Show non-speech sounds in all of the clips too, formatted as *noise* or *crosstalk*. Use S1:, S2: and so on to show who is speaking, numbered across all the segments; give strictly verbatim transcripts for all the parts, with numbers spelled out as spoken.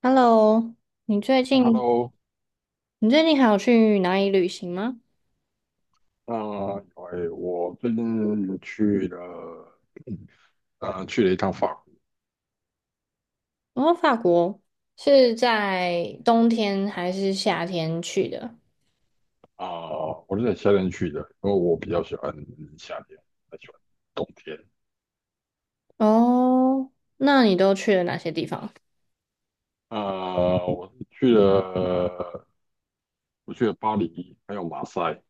S1: Hello，你最近
S2: Hello。
S1: 你最近还有去哪里旅行吗？
S2: 呃，哎我最近去了，呃，去了一趟法国。
S1: 哦，法国是在冬天还是夏天去的？
S2: 啊、我是在夏天去的，因为我比较喜欢夏天，不太喜欢冬天。
S1: 哦，那你都去了哪些地方？
S2: 啊、我是去了，我去了巴黎，还有马赛。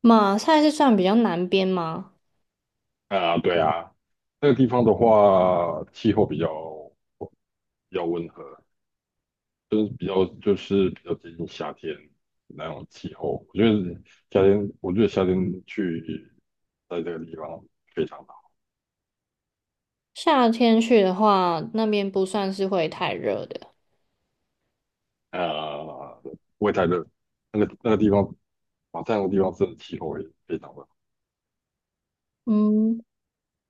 S1: 马赛是算比较南边吗？
S2: 啊、对啊，那个地方的话，气候比较比较温和，就是比较就是比较接近夏天那种气候。我觉得夏天，我觉得夏天去在这个地方非常好。
S1: 夏天去的话，那边不算是会太热的。
S2: 呃，不会太热。那个那个地方，马赛那个地方的气候也非常的
S1: 嗯，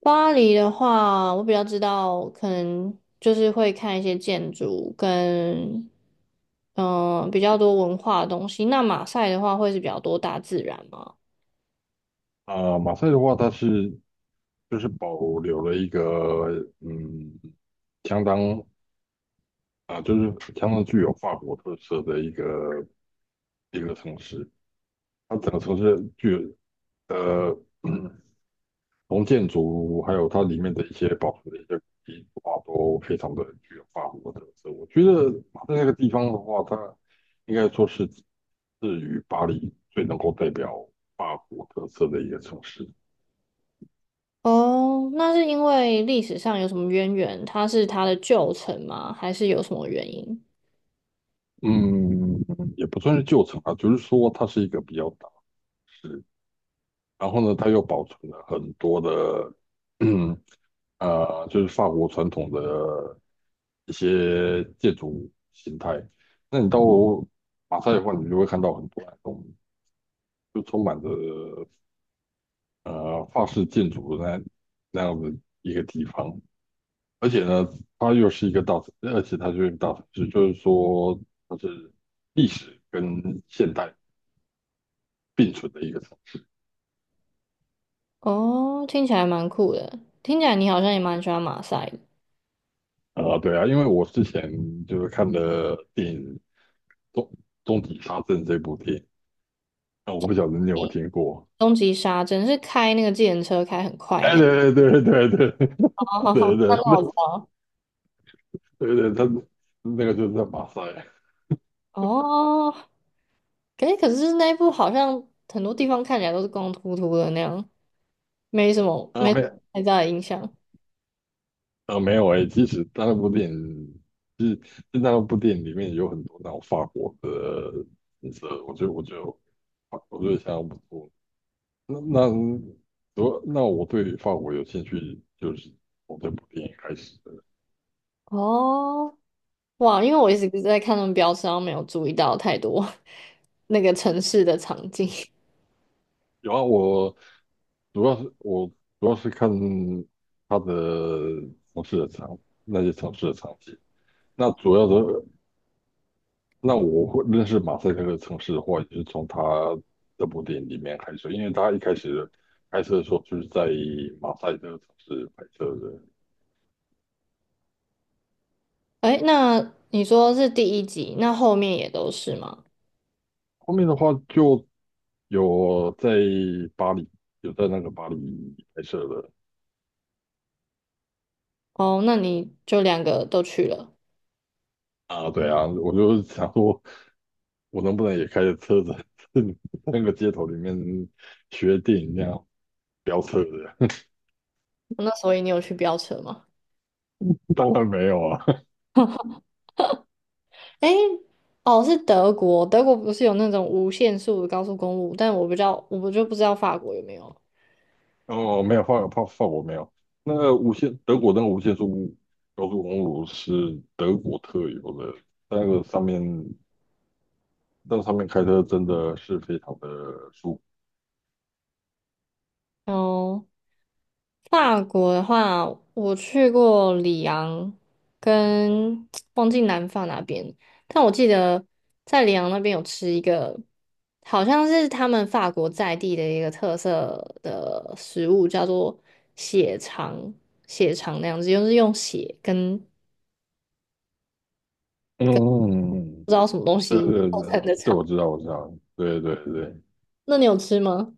S1: 巴黎的话，我比较知道，可能就是会看一些建筑跟嗯、比较多文化的东西。那马赛的话会是比较多大自然吗？
S2: 好。啊、马赛的话，它是就是保留了一个，嗯，相当，啊、就是相当具有法国特色的一个一个城市。它整个城市具有呃 *clears throat* 从建筑还有它里面的一些保存的一些古迹的话，都非常的具有法国特色。我觉得它在那个地方的话，它应该说是至于巴黎最能够代表法国特色的一个城市。
S1: 哦，那是因为历史上有什么渊源？它是它的旧城吗？还是有什么原因？
S2: 嗯，也不算是旧城啊，就是说它是一个比较大的市，然后呢，它又保存了很多的。*clears throat* 嗯。呃，就是法国传统的一些建筑形态。那你到马赛的话，你就会看到很多那种就充满着呃法式建筑的那那样的一个地方。而且呢，它又是一个大城，而且它就是一个大城市，就是说它是历史跟现代并存的一个城市。
S1: 哦，听起来蛮酷的。听起来你好像也蛮喜欢马赛的。
S2: 啊、对啊，因为我之前就是看的电影《终终极杀阵》这部电影，那我不晓得你有没有听过。
S1: 终极杀阵是开那个自程车开很快
S2: 哎，*laughs*
S1: 那。
S2: 对对对对对
S1: 哦，
S2: 对。
S1: 那
S2: 对
S1: 那我
S2: 对
S1: 知道。
S2: 对。对，他那个就是在马赛。
S1: 哦，可是可是那一部好像很多地方看起来都是光秃秃的那样，没什么
S2: 啊，
S1: 没
S2: 没
S1: 太大的印象。
S2: 啊没有诶。其实他那部电影，其实就那部电影里面有很多那种法国的景色，我觉得我觉得我觉得相当不错。那那我那我对法国有兴趣，就是从这部电影开始的。
S1: 哦，哇，因为我一直在看他们标识，然后没有注意到太多 *laughs* 那个城市的场景。
S2: 有啊，我主要是我主要是看他的城市的场，那些城市的场景。那主要的那我会认识马赛克的城市的话，也是从他这部电影里面开始，因为他一开始拍摄的时候就是在马赛克城市拍摄的，
S1: *laughs* 哎，那你说是第一集，那后面也都是吗？
S2: 后面的话就有在巴黎，有在那个巴黎拍摄的。
S1: 哦，那你就两个都去了，
S2: 啊，对啊，我就想说，我能不能也开着车子 *laughs* 在那个街头里面学电影那样飙车的？
S1: 那所以你有去飙车吗？
S2: *laughs* 当然没有啊。
S1: 哎，哦，是德国，德国不是有那种无限速的高速公路，但我不知道，我就不知道法国有没有。
S2: 哦，没有，法法法国没有。那个无限德国那个无限速高速公路是德国特有的，在那个上面，在上面开车真的是非常的舒服。
S1: 哦。法国的话，我去过里昂跟 *tsk* 忘记南法那边，但我记得在里昂那边有吃一个，好像是他们法国在地的一个特色的食物，叫做血肠，血肠那样子，就是用血跟
S2: 嗯，对对
S1: 构
S2: 对。
S1: 成的
S2: 对，
S1: 肠。
S2: 我知道，我知道，对对对。
S1: 那你有吃吗？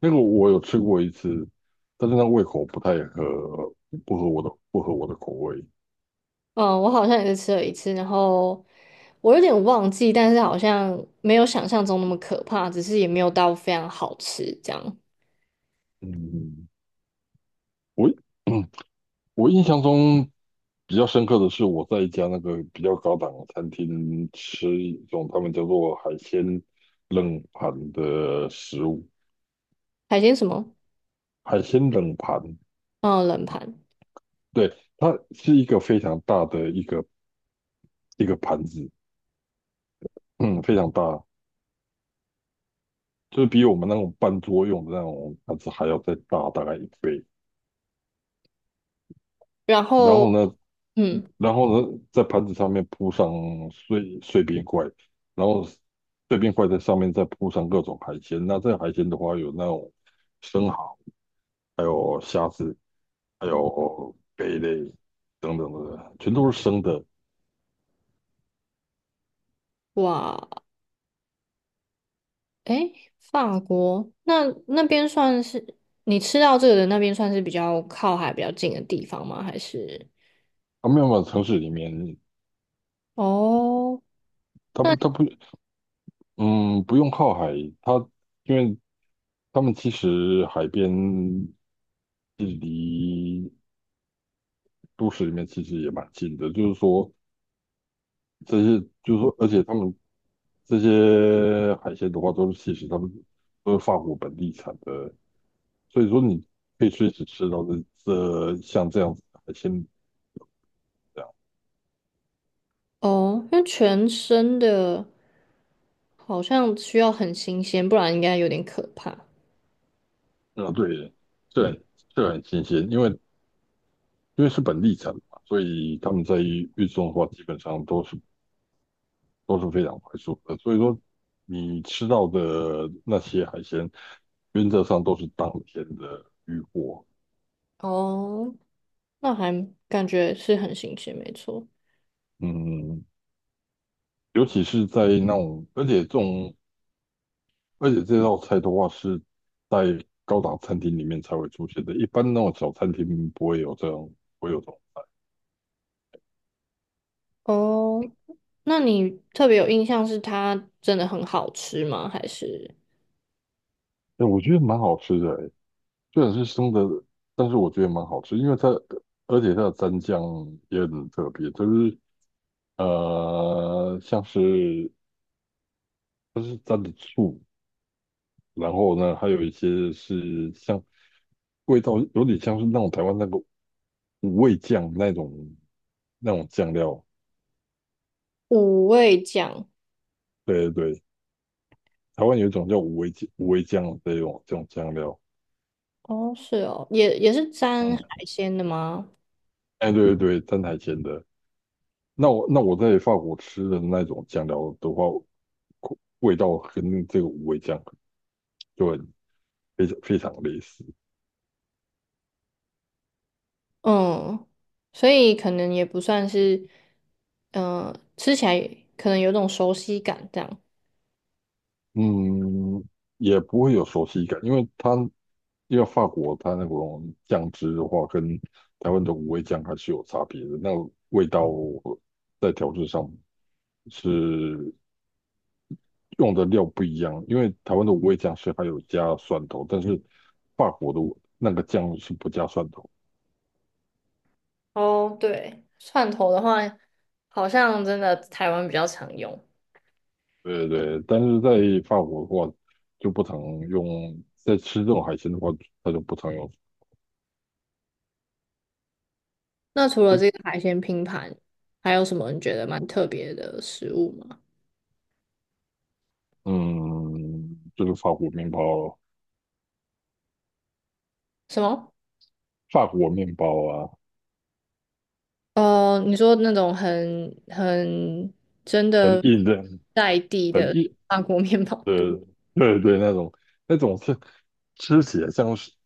S2: 那个我有吃过一次，但是那胃口不太合，不合我的，不合我的口味。
S1: 嗯，我好像也是吃了一次，然后我有点忘记，但是好像没有想象中那么可怕，只是也没有到非常好吃这样。
S2: 嗯，我 *coughs* *clears throat* 我印象中比较深刻的是，我在一家那个比较高档的餐厅吃一种他们叫做海鲜冷盘的食物。
S1: 海鲜什么？
S2: 海鲜冷盘，
S1: 嗯，冷盘。
S2: 对，它是一个非常大的一个一个盘子，嗯，非常大，就是比我们那种半桌用的那种盘子还要再大大概一倍。
S1: 然
S2: 然
S1: 后，
S2: 后呢，
S1: 嗯，
S2: 然后呢，在盘子上面铺上碎碎冰块，然后碎冰块在上面再铺上各种海鲜。那这个海鲜的话，有那种。生蚝。还有虾子，还有贝类等等的，全都是生的。
S1: 哇，诶，法国那那边算是你吃到这个的那边算是比较靠海比较近的地方吗？还是？
S2: 阿办法城市里面，
S1: 哦
S2: 它不，它不，嗯，不用靠海，它因为他们其实海边距离都市里面其实也蛮近的，就是说这些，就是说，而且他们这些海鲜的话，都是其实他们都是法国本地产的，所以说你可以随时吃到这这像这样子的海鲜。
S1: 哦，因为全生的好像需要很新鲜，不然应该有点可怕。
S2: 嗯，对，这很这很新鲜，因为因为是本地产嘛，所以他们在运运送的话，基本上都是都是非常快速的。所以说，你吃到的那些海鲜，原则上都是当天的渔获。
S1: 哦，那还感觉是很新鲜，没错。
S2: 嗯，尤其是在那种，而且这种，而且这道菜的话是在高档餐厅里面才会出现的，一般那种小餐厅不会有这种，不会有这种菜。
S1: 哦，那你特别有印象是它真的很好吃吗？还是
S2: 哎，我觉得蛮好吃的，虽然是生的，但是我觉得蛮好吃，因为它而且它的蘸酱也很特别，就是呃像是它是蘸的醋，然后呢还有一些是像味道有点像是那种台湾那个五味酱那种那种酱料。
S1: 五味酱？
S2: 对对对，台湾有一种叫五味酱五味酱这种这种酱料。
S1: 哦，是哦，也也是沾海
S2: 嗯，
S1: 鲜的吗？
S2: 哎对对对，蘸海鲜的。那我那我在法国吃的那种酱料的话，味道跟这个五味酱。就很。非常非常类似。
S1: 嗯，所以可能也不算是，嗯、吃起来可能有种熟悉感这样。
S2: 嗯，也不会有熟悉感，因为它因为法国它那种酱汁的话，跟台湾的五味酱还是有差别的，那味道在调制上是用的料不一样，因为台湾的五味酱是还有加蒜头，但是法国的那个酱是不加蒜头。
S1: 哦，对，蒜头的话，好像真的台湾比较常用。
S2: 对对，但是在法国的话就不常用，在吃这种海鲜的话，它就不常用。
S1: 那除了这个海鲜拼盘，还有什么你觉得蛮特别的食物吗？
S2: 嗯，就是法国面包。
S1: 什么？
S2: 法国面包啊，
S1: 呃，你说那种很很真
S2: 很
S1: 的
S2: 硬的，
S1: 在地
S2: 很
S1: 的
S2: 硬
S1: *laughs* 法国面包？
S2: 的，对对，那种那种是吃起来像是怎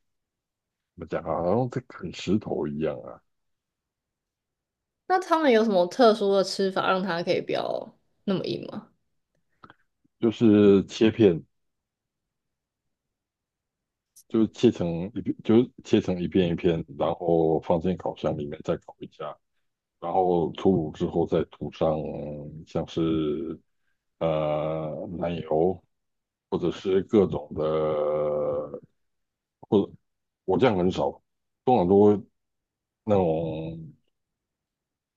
S2: 么讲啊，好像在啃石头一样啊，
S1: 那他们有什么特殊的吃法让它可以不要那么硬吗？
S2: 就是切片，就是切成一片，就是切成一片一片，然后放进烤箱里面再烤一下，然后出炉之后再涂上像是呃奶油或者是各种的，或者我酱很少，通常都会那种。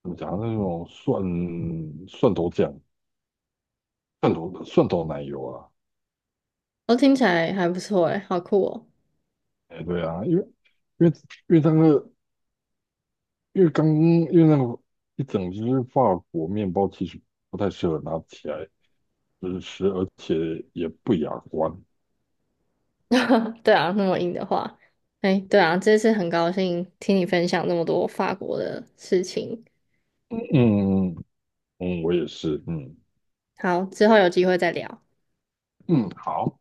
S2: 怎么讲？那种蒜蒜头酱、蒜头蒜头奶油啊。
S1: 哦，听起来还不错诶，好酷哦。
S2: 哎，对啊，因为因为因为那个因为刚因为那个一整只法国面包其实不太适合拿起来就是吃，而且也不雅观。
S1: *laughs* 对啊，那么硬的话，哎，对啊，这次很高兴听你分享那么多法国的事情。
S2: 嗯。嗯。嗯，我也是。嗯。
S1: 好，之后有机会再聊。
S2: 嗯，好。